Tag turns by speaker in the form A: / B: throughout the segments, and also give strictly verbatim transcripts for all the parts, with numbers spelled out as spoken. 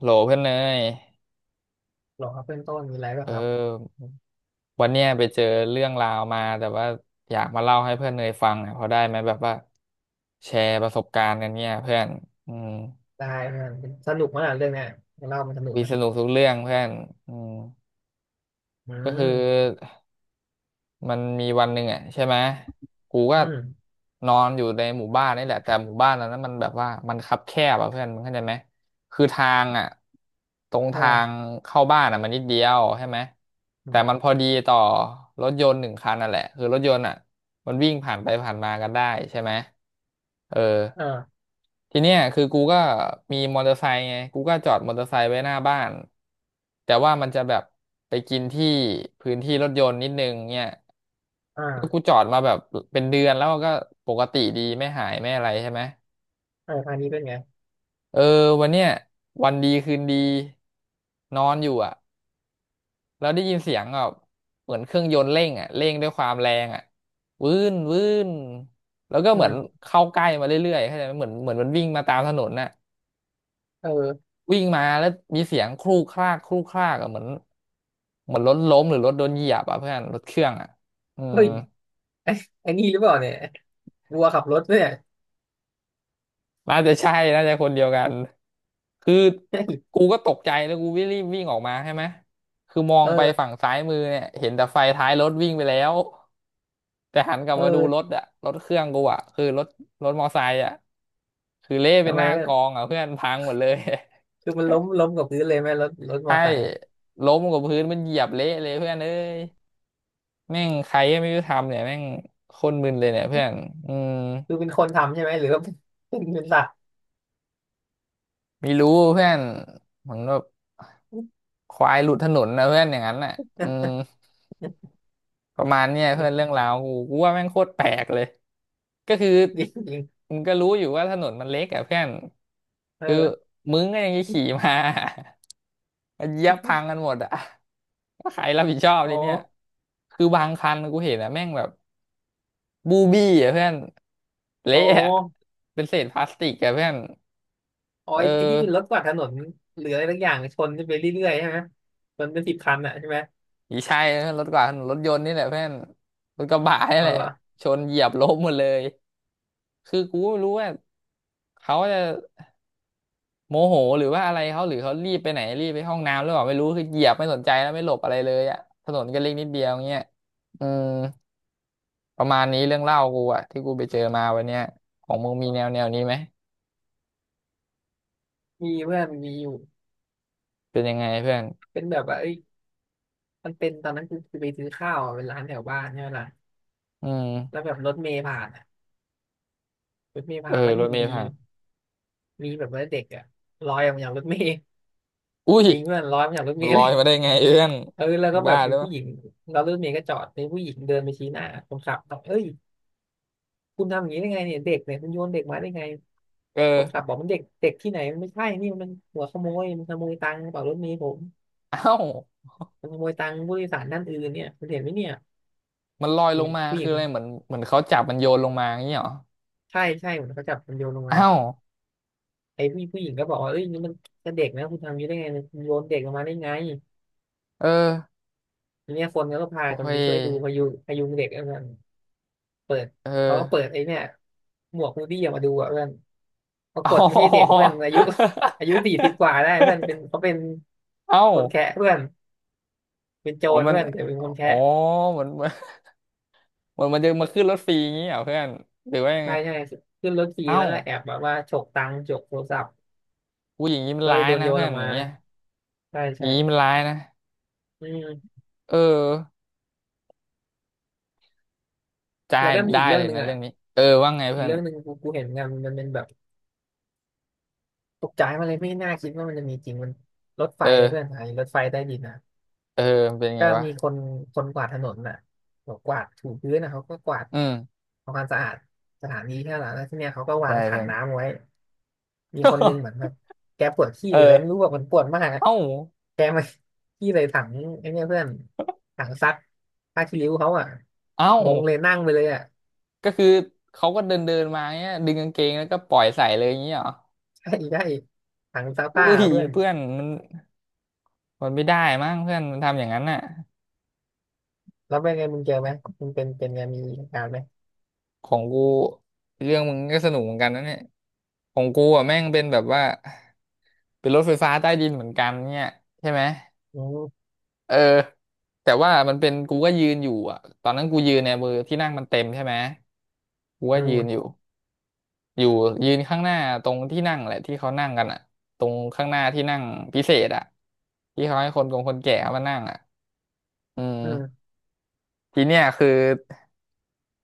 A: โหลเพื่อนเนย
B: หรอครับเพื่อนต้นมีอะไรป่ะ
A: เอ
B: ครับ
A: อวันเนี้ยไปเจอเรื่องราวมาแต่ว่าอยากมาเล่าให้เพื่อนเนยฟังอ่ะพอได้ไหมแบบว่าแชร์ประสบการณ์กันเนี่ยเพื่อนอืม
B: ได้มันสนุกมากเรื่องเนี้ยเล่ามันสนุก
A: วี
B: ไหม
A: สนุกทุกเรื่องเพื่อนอืม
B: อื
A: ก็คือ
B: ม
A: มันมีวันหนึ่งอ่ะใช่ไหมกูก็
B: อืม
A: นอนอยู่ในหมู่บ้านนี่แหละแต่หมู่บ้านเรานั้นมันแบบว่ามันคับแคบอ่ะเพื่อนมึงเข้าใจไหมคือทางอ่ะตรง
B: เอ
A: ทา
B: อ
A: งเข้าบ้านอ่ะมันนิดเดียวใช่ไหม
B: อื
A: แต่
B: ม
A: มันพอดีต่อรถยนต์หนึ่งคันนั่นแหละคือรถยนต์อ่ะมันวิ่งผ่านไปผ่านมากันได้ใช่ไหมเออ
B: เออ
A: ทีเนี้ยคือกูก็มีมอเตอร์ไซค์ไงกูก็จอดมอเตอร์ไซค์ไว้หน้าบ้านแต่ว่ามันจะแบบไปกินที่พื้นที่รถยนต์นิดนึงเนี่ย
B: อ
A: แล้วกู
B: ่า
A: จอดมาแบบเป็นเดือนแล้วก็ปกติดีไม่หายไม่อะไรใช่ไหม
B: เอออันนี้เป็นไง
A: เออวันเนี้ยวันดีคืนดีนอนอยู่อ่ะแล้วได้ยินเสียงแบบเหมือนเครื่องยนต์เร่งอ่ะเร่งด้วยความแรงอ่ะวื้นวื้นแล้วก็
B: อื
A: เหมือน
B: ม
A: เข้าใกล้มาเรื่อยๆเข้าใจไหมเหมือนเหมือนมันวิ่งมาตามถนนน่ะ
B: เออ
A: วิ่งมาแล้วมีเสียงครูกครากครูกครากอ่ะเหมือนเหมือนรถล้มหรือรถโดนเหยียบอ่ะเพื่อนรถเครื่องอ่ะอืม
B: เฮ้ยไอ้ไอ้นี่หรือเปล่าเนี่ยวัวขับรถเนี่ย
A: น่าจะใช่น่าจะคนเดียวกัน คือ
B: เ้ย
A: กูก็ตกใจแล้วกูวิ่งรีบวิ่งออกมาใช่ไหม คือมอง
B: เอ
A: ไปฝั่
B: อ
A: งซ้ายมือเนี่ยเห็นแต่ไฟท้ายรถวิ่งไปแล้ว แต่หันกลับ
B: เอ
A: มาดูรถ
B: อ
A: อะรถเครื่องกูอะคือรถรถมอไซค์อะคือเละเป็น
B: ทำ
A: ห
B: ไม
A: น้า
B: มั
A: ก
B: น
A: องอะเพื่อนพังหมดเลย
B: คือมันล้มล้มกับพื้นเลยไหมรถรถ มอ
A: ใช่
B: ไซค์อ่ะ
A: ล้มกับพื้นมันเหยียบเละเลยเพื่อนเอ้ยแม่งใครก็ไม่รู้ทำเนี่ยแม่งโคนมึนเลยเนี่ยเพื่อนอืม
B: คือเป็นคนทำใช่ไหมหรือว่าเป็นเป็นสัตว์
A: ไม่รู้เพื่อนเหมือนแบบ ควายหลุดถนนนะเพื่อนอย่างนั้นน่ะอืมประมาณเนี้ยเพื่อนเรื่องราวกูกูว่าแม่งโคตรแปลกเลยก็คือ
B: จริงจริง
A: มึงก็รู้อยู่ว่าถนนมันเล็กอะเพื่อนคือ
B: เออ
A: มึงก็ยังจะขี่มา มันเหยียบพังกันหมดอะว่าใครรับผิดชอบ
B: อ๋อ
A: ทีเนี้ยคือบางคันกูเห็นอะแม่งแบบบูบี้อะเพื่อน
B: อ๋
A: เละ
B: อ
A: อะเป็นเศษพลาสติกอะเพื่อน
B: อ๋อ
A: เออ
B: ไอ้ที่เป็นรถกวาดถนนหรืออะไรสักอย่างชนไปเรื่อยๆใช่ไหมชนเป็นสิบคันอ่ะใช่ไหม
A: ผีชายรถกว่ารถยนต์นี่แหละเพื่อนรถกระบะนี่
B: อ๋อ
A: แหละ
B: เหรอ
A: ชนเหยียบล้มหมดเลย คือกูก็ไม่รู้ว่าเขาจะโมโหหรือว่าอะไรเขาหรือเขารีบไปไหนรีบไปห้องน้ำหรือเปล่าไม่รู้คือเหยียบไม่สนใจแล้วไม่หลบอะไรเลยอ่ะถนนก็เล็กนิดเดียวเงี้ยอืมประมาณนี้เรื่องเล่ากูอ่ะที่กูไปเจอมาวันเนี้ยของมึงมีแนวแนวนี้ไหม
B: มีเพื่อนมีอยู่
A: เป็นยังไงเพื่อน
B: เป็นแบบว่าเอ้ยมันเป็นตอนนั้นคือคือไปซื้อข้าวอะเป็นร้านแถวบ้านใช่ไหมล่ะ
A: อื
B: แล้
A: ม
B: วแบบรถเมล์ผ่านอะรถเมล์
A: เออ
B: ผ่านแล้วอ
A: ร
B: ยู่
A: ถเม
B: ดี
A: ล์ผ่าน
B: ๆมีแบบว่าเด็กอะลอยออกมาจากรถเมล์
A: อุ้ย
B: จริงเพื่อนลอยออกมาจากรถเม
A: มัน
B: ล์
A: ล
B: เล
A: อ
B: ย
A: ยมาได้ไงเอื้อน
B: เออแล้ว
A: มึ
B: ก็
A: ง
B: แบ
A: บ้า
B: บ
A: ห
B: มี
A: รือเป
B: ผู้
A: ล่า
B: หญิงแล้วรถเมล์ก็จอดมีผู้หญิงเดินไปชี้หน้าคนขับบอกเอ้ยคุณทำอย่างนี้ได้ไงเนี่ยเด็กเนี่ยคุณโยนเด็กมาได้ไง
A: เอ
B: คนขับ
A: อ
B: บอกมันเด็กเด็กที่ไหนมันไม่ใช่นี่มันหัวขโมยมันขโมยตังค์กระเป๋ารถเมล์ผม
A: เอ้า
B: มันขโมยตังค์ผู้โดยสารท่านอื่นเนี่ยคุณเห็นไหมเนี่ย
A: มันลอย
B: ไอ้
A: ลงมา
B: ผู้ห
A: คื
B: ญิ
A: อ
B: ง
A: อะไรเหมือนเหมือนเขาจับมันโยนลงมาอย่างเงี้ยเหรอ
B: ใช่ใช่เหมือนเขาจับมันโยนลงมา
A: เอ้า
B: ไอ้ผู้ผู้หญิงก็บอกว่าเอ้ยนี่มันจะเด็กนะคุณทำอยังนี้ได้ไงคุณโยนเด็กลงมาได้ไง
A: เออ
B: ทีเนี้ยคนก็พา
A: โอ้
B: กันไป
A: ย
B: ช่วยดูพยุงพยุงเด็กเพื่อนเปิด
A: เอ
B: เขาก็เปิด
A: อ
B: ไอ้เนี่ยหมวกฮูดี้ออกมาดูอ่ะเพื่อนปรา
A: อ๋
B: กฏไม่ใช่เด็ก
A: อ
B: เพื่อนอายุอายุสี่สิบกว่าได้เพื่อนเป็ นเขาเป็น
A: เอ้า
B: คนแคะเพื่อนเป็นโจ
A: อ๋อง
B: ร
A: มัน
B: เพื่อนแต่เป็นคน
A: อ๋
B: แคะ
A: อเหมอนเหมันเหมอนมันจะมาขึ้นรถฟรีอย่างงี้เหรอเพื่อนหรือว่ายัง
B: ใช่
A: ไง
B: ใช่ขึ้นรถขี่
A: เอ้า
B: แล้วก็แอบแบบว่าฉกตังค์ฉกโทรศัพท์
A: กูอย่างงี้มัน
B: ก็เล
A: ร้า
B: ย
A: ย
B: โดน
A: นะ
B: โยน
A: เพื่อ
B: อ
A: น
B: อก
A: อ
B: มา
A: ย่างเงี้ย
B: ใช่
A: อย่า
B: ใช่
A: งงี้มันร้ายนะ
B: อืม
A: เออจ่า
B: แล้ว
A: ย
B: ก็มี
A: ได้
B: อีกเรื่
A: เล
B: อง
A: ย
B: หนึ่ง
A: นะ
B: อ่ะ
A: เรื่องนี้เออว่าไง
B: อีก
A: เพื่อน
B: เรื่องหนึ่งกูกูเห็นงานมันเป็นแบบ ตกใจมาเลยไม่น่าคิดว่ามันจะมีจริงมันรถไฟ
A: เอ
B: อะเพื่อน
A: อ
B: ไอ้รถไฟใต้ดินนะ
A: เออมันเป็นไง
B: ก็
A: วะ
B: มีคนคนกวาดถนนน่ะบอกกวาดถูพื้นนะเขาก็กวาด
A: อืม
B: ทำความสะอาดสถานีแค่นั้นแล้วที่เนี้ยเขาก็วา
A: ใช่
B: งถั
A: เพื่
B: ง
A: อน
B: น้ำไว้มีคนนึงเหมือนแบ บแกปวดขี้
A: เอ
B: หรืออะไร
A: อ
B: ไม่รู้แบบมันปวดมากอะ
A: เอ้า
B: แกมาขี้เลยถังไอ้เนี่ยเพื่อนถังซักผ้าคีริ้วเขาอ่ะ
A: เอ้า
B: งงเลยนั่งไปเลยอ่ะ
A: ก็คือเขาก็เดินเดินมาเงี้ยดึงกางเกงแล้วก็ปล่อยใส่เลยอย่างงี้เหรอ
B: ใช่ใช่ถังซักผ้า
A: อุ้ย
B: เพื่อน
A: เพื่อน มันไม่ได้มั้งเพื่อนมันทำอย่างนั้นน่ะ
B: แล้วเป็นไงมึงเจอไหมมึงเป็นเป็นไงมีเหตุการณ์ไหม
A: ของกูเรื่องมึงก็สนุกเหมือนกันนะเนี่ยของกูอ่ะแม่งเป็นแบบว่าเป็นรถไฟฟ้าใต้ดินเหมือนกันเนี่ยใช่ไหม
B: อืม
A: เออแต่ว่ามันเป็นกูก็ยืนอยู่อ่ะตอนนั้นกูยืนเนี่ยมือที่นั่งมันเต็มใช่ไหมกูก็
B: อื
A: ยืนอ
B: ม
A: ยู่อยู่ยืนข้างหน้าตรงที่นั่งแหละที่เขานั่งกันอ่ะตรงข้างหน้าที่นั่งพิเศษอ่ะที่เขาให้คนกงคนแก่เขามานั่งอ่ะอืม
B: อืม
A: ทีเนี้ยคือ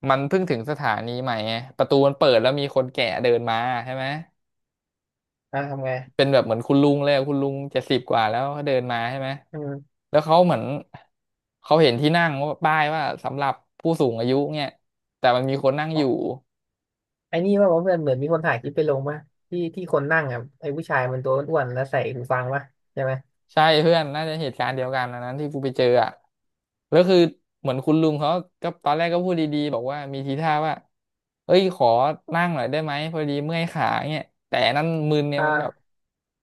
A: มันเพิ่งถึงสถานีใหม่ไงประตูมันเปิดแล้วมีคนแก่เดินมาใช่ไหม
B: อ่ะทำไง
A: เป็นแบบเหมือนคุณลุงเลยอะคุณลุงเจ็ดสิบกว่าแล้วเขาเดินมาใช่ไหม
B: อืม
A: แล้วเขาเหมือนเขาเห็นที่นั่งว่าป้ายว่าสำหรับผู้สูงอายุเนี่ยแต่มันมีคนนั่งอยู่
B: ไอ้นี่ว่าเพื่อนเหมือนมีคนถ่ายคลิปไปลงป่ะที่ที่คนนั่งอ่ะไอ้ผู้ชายมันตัวอ้วนๆแล้วใส่หูฟังป่ะใช่ไหม
A: ใช่เพื่อนน่าจะเหตุการณ์เดียวกันอันนั้นที่กูไปเจออ่ะแล้วคือเหมือนคุณลุงเขาก็ตอนแรกก็พูดดีๆบอกว่ามีทีท่าว่าเอ้ยขอนั่งหน่อยได้ไหมพอดีเมื่อยขาเนี่ยแต่อันนั้นมึนเนี่ยมันแบบ
B: อ่า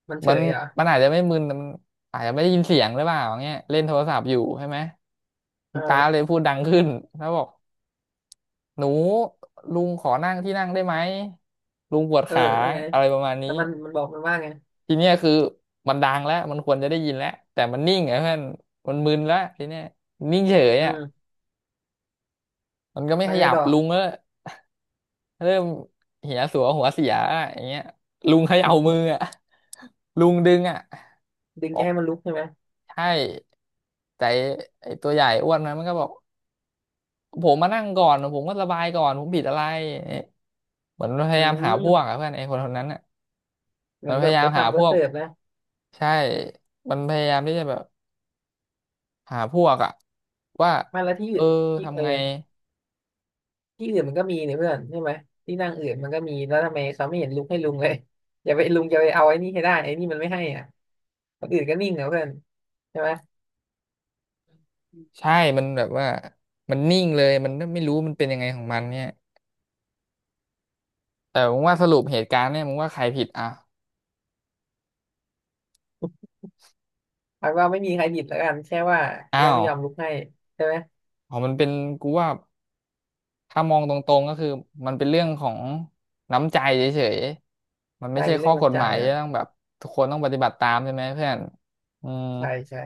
B: มันเฉ
A: มัน
B: ยเหรอ
A: มันอาจจะไม่มึนแต่มันอาจจะไม่ได้ยินเสียงหรือเปล่าอย่างเงี้ยเล่นโทรศัพท์อยู่ใช่ไหมคุ
B: เอ
A: ณตา
B: อ
A: เลยพูดดังขึ้นแล้วบอกหนูลุงขอนั่งที่นั่งได้ไหมลุงปวด
B: เออ
A: ขา
B: แล้วไง
A: อะไรประมาณนี้
B: แล้วมันมันบอกมันว่าไง
A: ทีเนี้ยคือมันดังแล้วมันควรจะได้ยินแล้วแต่มันนิ่งไงเพื่อนมันมึนแล้วทีเนี้ยนิ่งเฉย
B: อื
A: อ่ะ
B: ม
A: มันก็ไม่
B: แล้ว
A: ข
B: ไง
A: ยับ
B: ต่อ
A: ลุงก็เริ่มเหียสัวหัวเสียอย่างเงี้ยลุงเขย่ามืออ่ะลุงดึงอ่ะ
B: ดึงจะให้มันลุกใช่ไหม
A: ใช่แต่ไอ้ตัวใหญ่อ้วนนะมันก็บอกผมมานั่งก่อนผมก็ระบายก่อนผมผิดอะไรเนี่ยเหมือนมันพ
B: อื
A: ยายามหาพวก
B: ม
A: อะเพื่อนไอ้คนคนนั้นอ่ะ
B: เหมื
A: มั
B: อ
A: น
B: น
A: พ
B: กับ
A: ยายา
B: เฟิ
A: ม
B: ร์สคั
A: หา
B: มเฟิ
A: พ
B: ร์ส
A: วก
B: เสิร์ฟนะ
A: ใช่มันพยายามที่จะแบบหาพวกอ่ะว่า
B: ไมาแล้วที่
A: เอ
B: อื่
A: อ
B: นที่เอ
A: ทำ
B: อ
A: ไง
B: ที่อื่นมันก็มีเนี่ยเพื่อนใช่ไหมที่นั่งอื่นมันก็มีแล้วทำไมเขาไม่เห็นลุกให้ลุงเลยอย่าไปลุงอย่าไปเอาไอ้นี่ให้ได้ไอ้นี่มันไม่ให้อ่ะคนอื่นก็นิ่งนะเพื่อนใช่ไหม
A: ใช่มันแบบว่ามันนิ่งเลยมันไม่รู้มันเป็นยังไงของมันเนี่ยแต่มึงว่าสรุปเหตุการณ์เนี่ยมึงว่าใครผิดอ่ะ
B: พักว่าไม่มีใครผิดแล้วกันแค่ว่าที่
A: อ้า
B: นั่น
A: ว
B: ไม่ยอมลุกให้ใช่ไหม
A: อ๋อมันเป็นกูว่า ถ้ามองตรงๆก็คือมันเป็นเรื่องของน้ำใจเฉยๆมันไม่
B: ใช่
A: ใช่
B: มี
A: ข้
B: เรื่
A: อ
B: อง
A: กฎ
B: น้ำใจ
A: หมาย
B: เหร
A: ที่
B: อ
A: ต้องแบบทุกคนต้องปฏิบัติตามใช่ไหมเพื่อนอืม
B: ใช่ใช่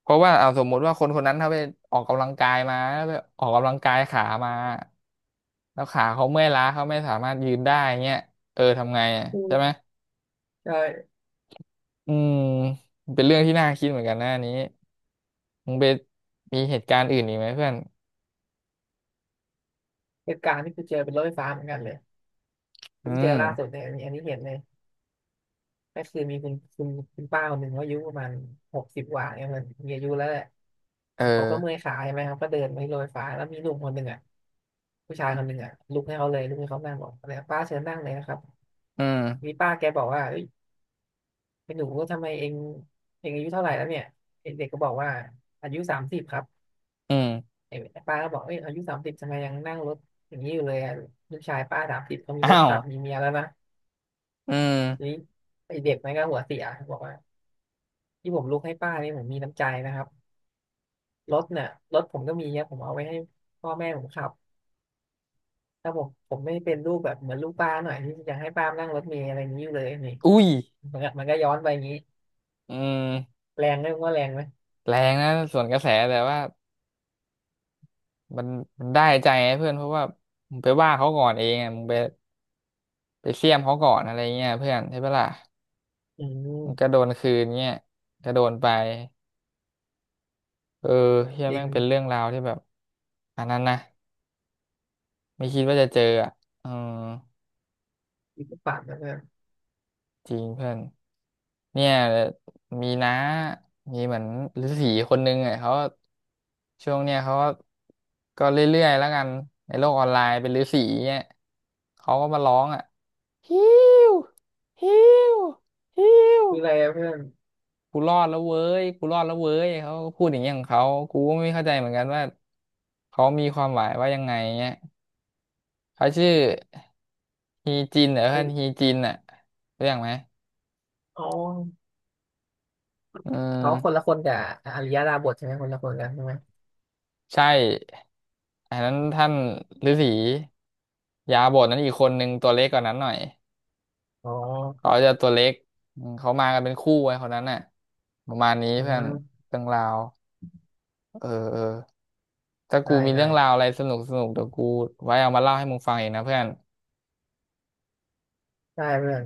A: เพราะว่าเอาสมมุติว่าคนคนนั้นถ้าไปออกกำลังกายมาแล้วไปออกกำลังกายขามาแล้วขาเขาเมื่อยล้าเขาไม่สามารถยืนได้เงี้ยเออทำไงอ่ะ
B: อื
A: ใช่ไหม
B: มใช่
A: อืมมันเป็นเรื่องที่น่าคิดเหมือนกันนะอันนี้มึงไปมีเหตุการณ์อื่นอีกไหมเพื่อน
B: เหตุการณ์ที่กูเจอเป็นรถไฟฟ้าเหมือนกันเลย
A: อื
B: เพิ่งเจอล่าสุด
A: ม
B: เนี่ยอันนี้อันนี้เห็นเลยก็คือมีคุณคุณคุณป้าคนหนึ่งเขาอายุประมาณหกสิบกว่าเนี่ยมันมีอายุแล้วแหละ
A: เออ
B: เขาก็เมื่อยขาใช่ไหมครับก็เดินไปที่รถไฟฟ้าแล้วมีหนุ่มคนหนึ่งอ่ะผู้ชายคนหนึ่งอ่ะลุกให้เขาเลยลุกให้เขานั่งบอกอะไรป้าเชิญนั่งเลยนะครับ
A: อื
B: มี
A: ม
B: ป้าแกบอกว่าเอ้ยเป็นหนูทำไมเองเองอายุเท่าไหร่แล้วเนี่ยเด็กๆก็บอกว่าอายุสามสิบครับ
A: อืม
B: ไอ้ป้าก็บอกเอ้ยอายุสามสิบทำไมยังนั่งรถอย่างนี้อยู่เลยอะลูกชายป้าสามสิบเขามีรถ
A: อ้าว
B: ขับมีเมียแล้วนะ
A: อืม
B: ทีนี้ไอ้เด็กมันก็หัวเสียบอกว่าที่ผมลุกให้ป้านี่ผมมีน้ำใจนะครับรถเนี่ยรถผมก็มีเนยผมเอาไว้ให้พ่อแม่ผมขับถ้าผมผมไม่เป็นลูกแบบเหมือนลูกป้าหน่อยที่อยากให้ป้านั่งรถเมล์อะไรอย่างนี้อยู่เลยนี่
A: อุ้ย
B: มันก็มันก็ย้อนไปอย่างนี้
A: อืม
B: แรงไหมว่าแรงไหม
A: แรงนะส่วนกระแสแต่ว่ามันมันได้ใจไงเพื่อนเพราะว่ามึงไปว่าเขาก่อนเองอะมึงไปไปเสี้ยมเขาก่อนอะไรเงี้ยเพื่อนใช่ปะล่ะ
B: อื
A: มันก็
B: ม
A: โดนคืนเงี้ยก็โดนไปเออเฮีย
B: จริ
A: แม่
B: ง
A: งเป็นเรื่องราวที่แบบอันนั้นนะไม่คิดว่าจะเจออ่ะเออ
B: อีกฝันนะเพื่อน
A: จริงเพื่อนเนี่ยมีน้ามีเหมือนฤาษีคนนึงอ่ะเขาช่วงเนี้ยเขาก็ก็เรื่อยๆแล้วกันในโลกออนไลน์เป็นฤาษีเนี่ยเขาก็มาร้องอ่ะ ฮิวฮิวฮิว
B: คืออะไรอะเพื่อน
A: กูรอดแล้วเว้ยกูรอดแล้วเว้ย เขาก็พูดอย่างเงี้ยของเขา กูก็ไม่เข้าใจเหมือนกันว่าเขามีความหมายว่ายังไงเงี้ยเขาชื่อฮีจินเหรอ
B: อ
A: ท่านฮี
B: ริ
A: จินอ่ะรู้จักไหม
B: อ๋อ
A: อื
B: เขาคนละ
A: ม
B: คนกับอริยดาบทใช่ไหมคนละคนกันใช่ไหม
A: ใช่อันนั้นท่านฤาษียาบทนั้นอีกคนนึงตัวเล็กกว่านั้นหน่อย
B: อ๋อ
A: เขาจะตัวเล็กอืมเขามากันเป็นคู่ไว้คนนั้นน่ะประมาณนี้
B: อื
A: เพื่อน
B: ม
A: เรื่องราว เออเออ ถ้า
B: ได้
A: กูมี
B: ได้
A: เรื่องราวอะไรสนุกสนุกเดี๋ยวกูไว้เอามาเล่าให้มึงฟังเองนะเพื่อน
B: ได้เพื่อน